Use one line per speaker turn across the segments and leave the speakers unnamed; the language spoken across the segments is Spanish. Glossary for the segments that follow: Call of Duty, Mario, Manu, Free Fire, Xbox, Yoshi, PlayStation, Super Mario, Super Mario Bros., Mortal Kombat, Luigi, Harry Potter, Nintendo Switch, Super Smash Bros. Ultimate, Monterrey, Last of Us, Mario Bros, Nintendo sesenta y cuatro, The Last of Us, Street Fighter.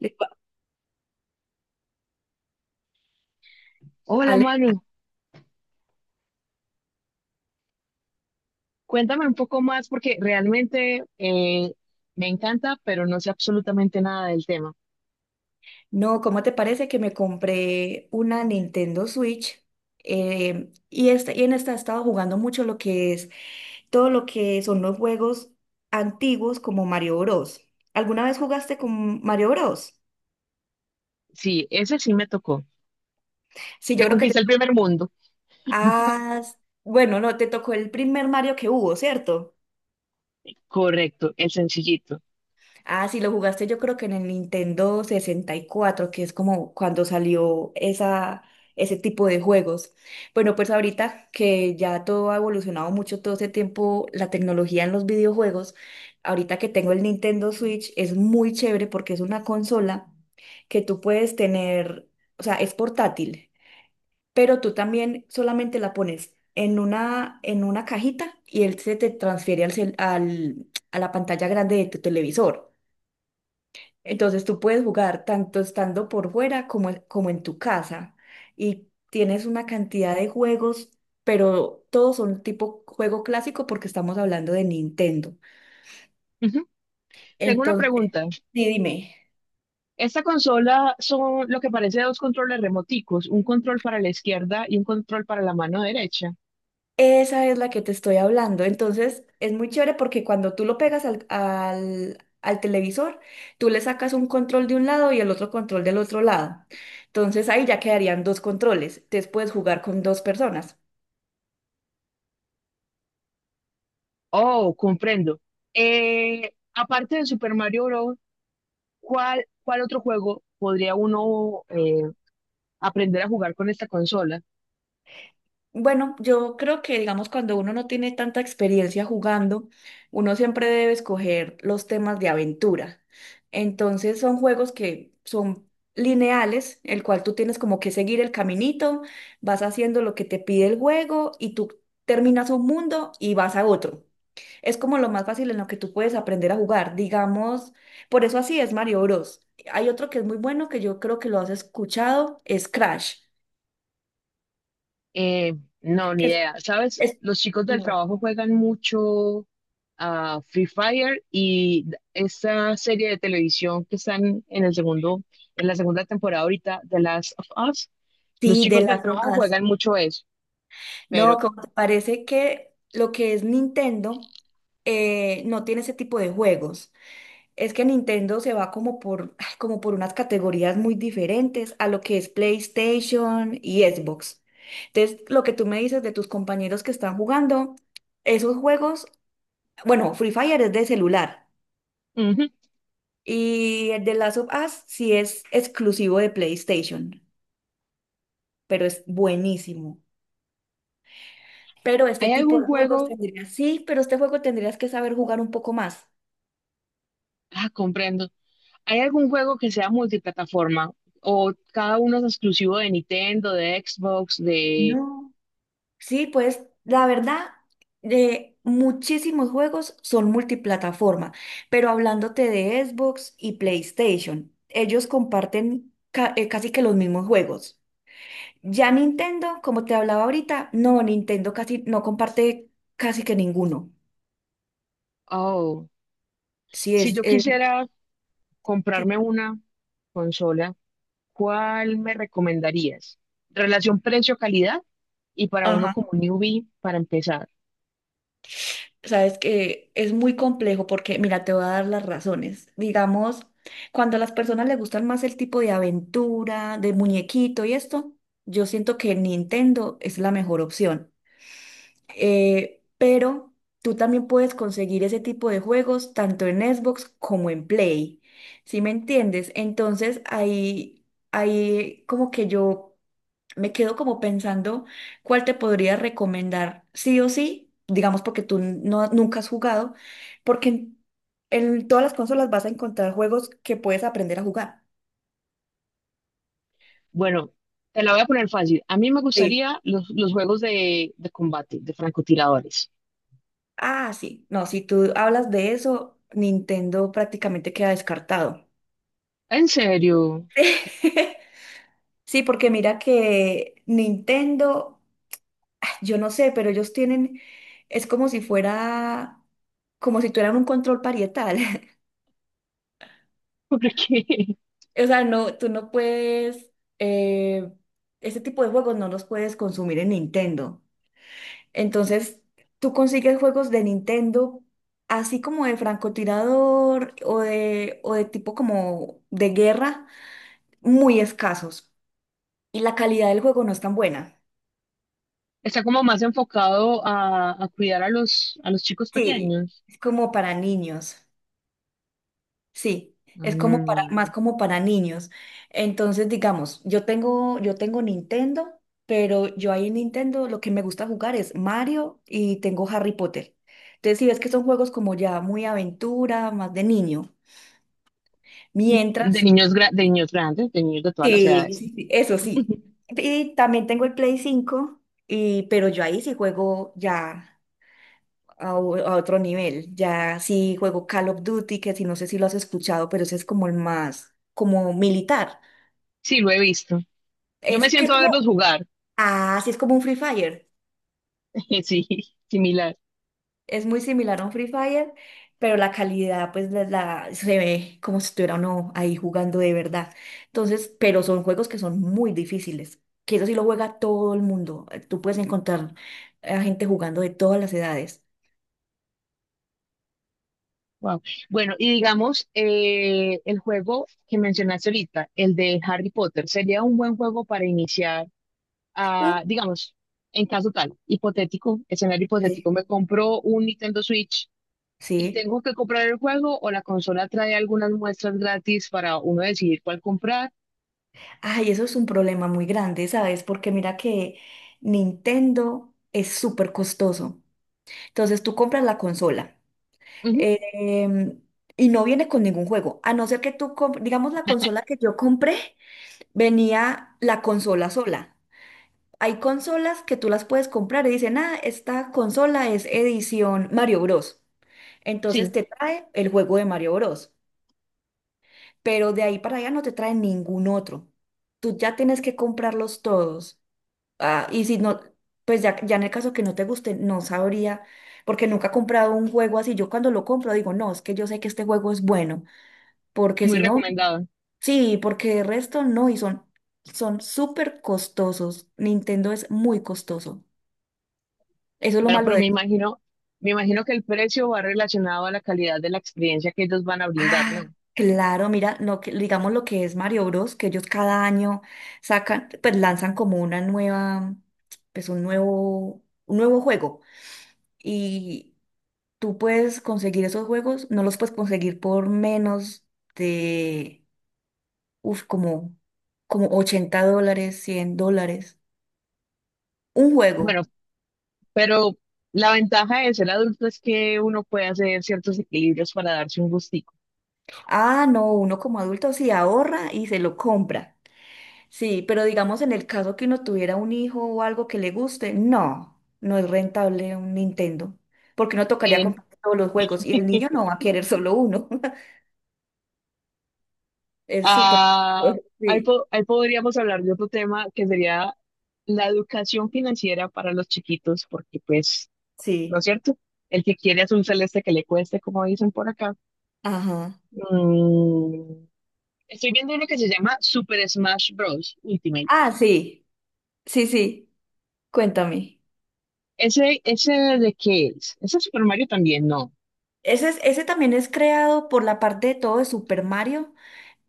Le digo,
Hola
Ale,
Manu, cuéntame un poco más porque realmente me encanta, pero no sé absolutamente nada del tema.
no, ¿cómo te parece que me compré una Nintendo Switch? Y, esta, y en esta he estado jugando mucho lo que es todo lo que son los juegos antiguos como Mario Bros. ¿Alguna vez jugaste con Mario Bros?
Sí, ese sí me tocó.
Sí,
Me
yo creo que te...
conquisté el primer mundo.
Ah, bueno, no, te tocó el primer Mario que hubo, ¿cierto?
Correcto, el sencillito.
Ah, sí, lo jugaste yo creo que en el Nintendo 64, que es como cuando salió esa, ese tipo de juegos. Bueno, pues ahorita que ya todo ha evolucionado mucho todo ese tiempo, la tecnología en los videojuegos, ahorita que tengo el Nintendo Switch es muy chévere porque es una consola que tú puedes tener, o sea, es portátil, pero tú también solamente la pones en una cajita y él se te transfiere a la pantalla grande de tu televisor. Entonces tú puedes jugar tanto estando por fuera como en tu casa y tienes una cantidad de juegos, pero todos son tipo juego clásico porque estamos hablando de Nintendo.
Ujú. Tengo una
Entonces,
pregunta.
sí, dime,
Esta consola son lo que parece dos controles remoticos, un control para la izquierda y un control para la mano derecha.
esa es la que te estoy hablando. Entonces, es muy chévere porque cuando tú lo pegas al televisor, tú le sacas un control de un lado y el otro control del otro lado. Entonces ahí ya quedarían dos controles. Entonces puedes jugar con dos personas.
Oh, comprendo. Aparte de Super Mario Bros., ¿cuál otro juego podría uno aprender a jugar con esta consola?
Bueno, yo creo que, digamos, cuando uno no tiene tanta experiencia jugando, uno siempre debe escoger los temas de aventura. Entonces son juegos que son lineales, el cual tú tienes como que seguir el caminito, vas haciendo lo que te pide el juego y tú terminas un mundo y vas a otro. Es como lo más fácil en lo que tú puedes aprender a jugar, digamos, por eso así es Mario Bros. Hay otro que es muy bueno que yo creo que lo has escuchado, es Crash,
Eh, no, ni
que es
idea. ¿Sabes?
es-
Los chicos del
no.
trabajo juegan mucho a Free Fire y esa serie de televisión que están en el segundo, en la segunda temporada ahorita, The Last of Us, los
Sí, de
chicos del
las
trabajo
demás.
juegan mucho eso.
No,
Pero,
como te parece que lo que es Nintendo no tiene ese tipo de juegos. Es que Nintendo se va como por, ay, como por unas categorías muy diferentes a lo que es PlayStation y Xbox. Entonces, lo que tú me dices de tus compañeros que están jugando, esos juegos, bueno, Free Fire es de celular
ujú.
y el de Last of Us sí es exclusivo de PlayStation, pero es buenísimo. Pero este
¿Hay
tipo
algún
de juegos
juego?
tendrías, sí, pero este juego tendrías que saber jugar un poco más.
Ah, comprendo. ¿Hay algún juego que sea multiplataforma? ¿O cada uno es exclusivo de Nintendo, de Xbox, de...
No. Sí, pues la verdad, de muchísimos juegos son multiplataforma, pero hablándote de Xbox y PlayStation, ellos comparten casi que los mismos juegos. Ya Nintendo, como te hablaba ahorita, no, Nintendo casi no comparte casi que ninguno.
Oh.
Sí,
Si yo quisiera comprarme
sí.
una consola, ¿cuál me recomendarías? Relación precio-calidad y para uno
Ajá.
como newbie para empezar.
Sabes que es muy complejo porque, mira, te voy a dar las razones. Digamos, cuando a las personas les gustan más el tipo de aventura, de muñequito y esto, yo siento que Nintendo es la mejor opción. Pero tú también puedes conseguir ese tipo de juegos tanto en Xbox como en Play. ¿Sí me entiendes? Entonces ahí, ahí como que yo me quedo como pensando cuál te podría recomendar, sí o sí, digamos porque tú no, nunca has jugado, porque en todas las consolas vas a encontrar juegos que puedes aprender a jugar.
Bueno, te la voy a poner fácil. A mí me
Sí.
gustaría los juegos de combate, de francotiradores.
Ah, sí, no, si tú hablas de eso, Nintendo prácticamente queda descartado.
¿En serio?
Sí, porque mira que Nintendo, ah, yo no sé, pero ellos tienen, es como si fuera, como si tuvieran un control parietal.
Porque
O sea, no, tú no puedes, eh, este tipo de juegos no los puedes consumir en Nintendo. Entonces, tú consigues juegos de Nintendo, así como de francotirador o de tipo como de guerra, muy escasos. Y la calidad del juego no es tan buena.
está como más enfocado a cuidar a los chicos
Sí.
pequeños.
Es como para niños. Sí, es como para,
Mm.
más como para niños. Entonces, digamos, yo tengo Nintendo, pero yo ahí en Nintendo lo que me gusta jugar es Mario y tengo Harry Potter. Entonces, si ves que son juegos como ya muy aventura, más de niño.
De
Mientras,
niños, gra- de niños grandes, de niños de todas las
sí,
edades.
sí, sí, eso sí. Y también tengo el Play 5 y, pero yo ahí sí juego ya a otro nivel. Ya sí juego Call of Duty, que si no sé si lo has escuchado, pero ese es como el más, como militar.
Sí, lo he visto. Yo me
Es que
siento
es
a
como,
verlos jugar,
ah, sí, es como un Free Fire.
sí, similar.
Es muy similar a un Free Fire, pero la calidad, pues, la- se ve como si estuviera uno ahí jugando de verdad. Entonces, pero son juegos que son muy difíciles, que eso sí lo juega todo el mundo. Tú puedes encontrar a gente jugando de todas las edades.
Wow. Bueno, y digamos, el juego que mencionaste ahorita, el de Harry Potter, sería un buen juego para iniciar,
Uh,
a, digamos, en caso tal, hipotético, escenario
sí.
hipotético, me compro un Nintendo Switch y
Sí.
tengo que comprar el juego o la consola trae algunas muestras gratis para uno decidir cuál comprar.
Ay, eso es un problema muy grande, ¿sabes? Porque mira que Nintendo es súper costoso. Entonces, tú compras la consola.
Ujú.
em, y no viene con ningún juego, a no ser que tú, digamos, la consola que yo compré, venía la consola sola. Hay consolas que tú las puedes comprar y dicen, ah, esta consola es edición Mario Bros.
Sí,
Entonces te trae el juego de Mario Bros. Pero de ahí para allá no te trae ningún otro. Tú ya tienes que comprarlos todos. Ah, y si no, pues ya, ya en el caso que no te guste, no sabría, porque nunca he comprado un juego así. Yo cuando lo compro digo, no, es que yo sé que este juego es bueno porque
muy
si no,
recomendado.
sí, porque el resto no, y son son súper costosos. Nintendo es muy costoso. Eso es lo
Bueno,
malo
pero
de...
me imagino que el precio va relacionado a la calidad de la experiencia que ellos van a brindar,
Ah,
¿no?
claro, mira, lo que, digamos lo que es Mario Bros, que ellos cada año sacan, pues lanzan como una nueva, pues un nuevo juego. Y tú puedes conseguir esos juegos, no los puedes conseguir por menos de, uf, como, $80, $100. Un
Bueno,
juego.
pero la ventaja de ser adulto es que uno puede hacer ciertos equilibrios para darse un gustico.
Ah, no, uno como adulto sí ahorra y se lo compra. Sí, pero digamos en el caso que uno tuviera un hijo o algo que le guste, no, no es rentable un Nintendo, porque uno tocaría
En-
comprar todos los juegos y el niño no va a querer solo uno. Es súper...
ah, ahí,
Sí,
po- ahí podríamos hablar de otro tema que sería la educación financiera para los chiquitos, porque pues ¿no
sí,
es cierto? El que quiere azul celeste que le cueste, como dicen por acá.
ajá.
Mm, estoy viendo uno que se llama Super Smash Bros. Ultimate.
Ah, sí, sí, sí, cuéntame.
¿Ese de qué es? ¿Ese es Super Mario también? No.
Ese, es- ese también es creado por la parte de todo de Super Mario.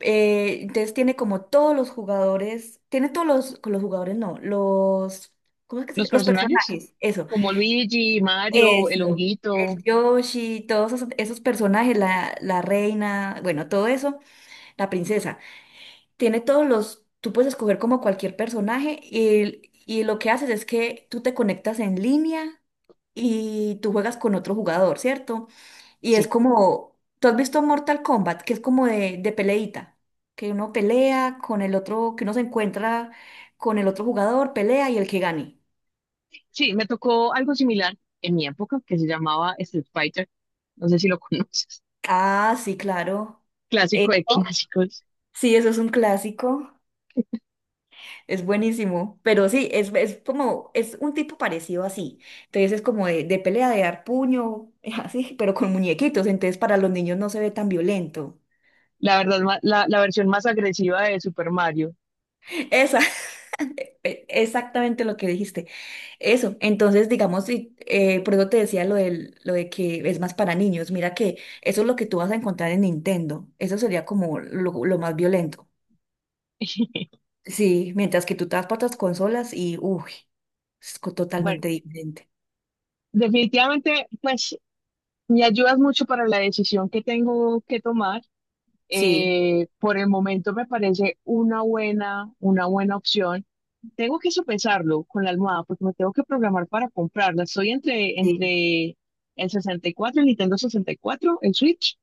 Entonces tiene como todos los jugadores, tiene todos los, con los jugadores, no, los, ¿cómo es que se
¿Los
llama? Los
personajes?
personajes, eso,
Como Luigi, Mario, el
eso,
honguito.
el Yoshi, todos esos, esos personajes, la reina, bueno, todo eso, la princesa tiene todos los, tú puedes escoger como cualquier personaje y lo que haces es que tú te conectas en línea y tú juegas con otro jugador, ¿cierto? Y es
Sí.
como, ¿tú has visto Mortal Kombat? Que es como de peleita, que uno pelea con el otro, que uno se encuentra con el otro jugador, pelea y el que gane.
Sí, me tocó algo similar en mi época que se llamaba Street Fighter. No sé si lo conoces.
Ah, sí, claro.
Clásico de
Eso,
clásicos.
sí, eso es un clásico. Es buenísimo, pero sí, es como, es un tipo parecido así. Entonces es como de pelea, de dar puño, así, pero con muñequitos. Entonces para los niños no se ve tan violento.
La verdad, ma- la versión más agresiva de Super Mario.
Esa, exactamente lo que dijiste. Eso, entonces digamos, sí, por eso te decía lo de que es más para niños. Mira que eso es lo que tú vas a encontrar en Nintendo. Eso sería como lo más violento. Sí, mientras que tú te vas para otras consolas y, uy, es
Bueno,
totalmente diferente.
definitivamente, pues me ayudas mucho para la decisión que tengo que tomar.
Sí,
Por el momento me parece una buena opción. Tengo que sopesarlo con la almohada porque me tengo que programar para comprarla. Estoy entre,
sí,
entre el 64, el Nintendo 64, el Switch,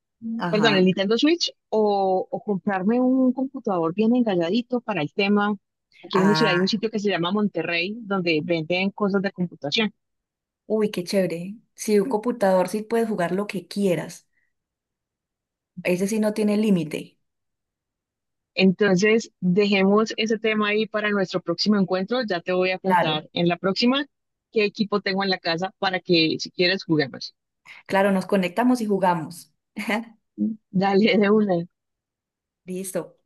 perdón, el
ajá.
Nintendo Switch, o comprarme un computador bien engalladito para el tema. Aquí en mi ciudad hay un
Ah,
sitio que se llama Monterrey, donde venden cosas de computación.
uy, qué chévere. Sí, un computador sí puedes jugar lo que quieras. Ese sí no tiene límite.
Entonces, dejemos ese tema ahí para nuestro próximo encuentro. Ya te voy a
Claro.
contar en la próxima qué equipo tengo en la casa para que si quieres juguemos.
Claro, nos conectamos y jugamos.
Dale de una.
Listo.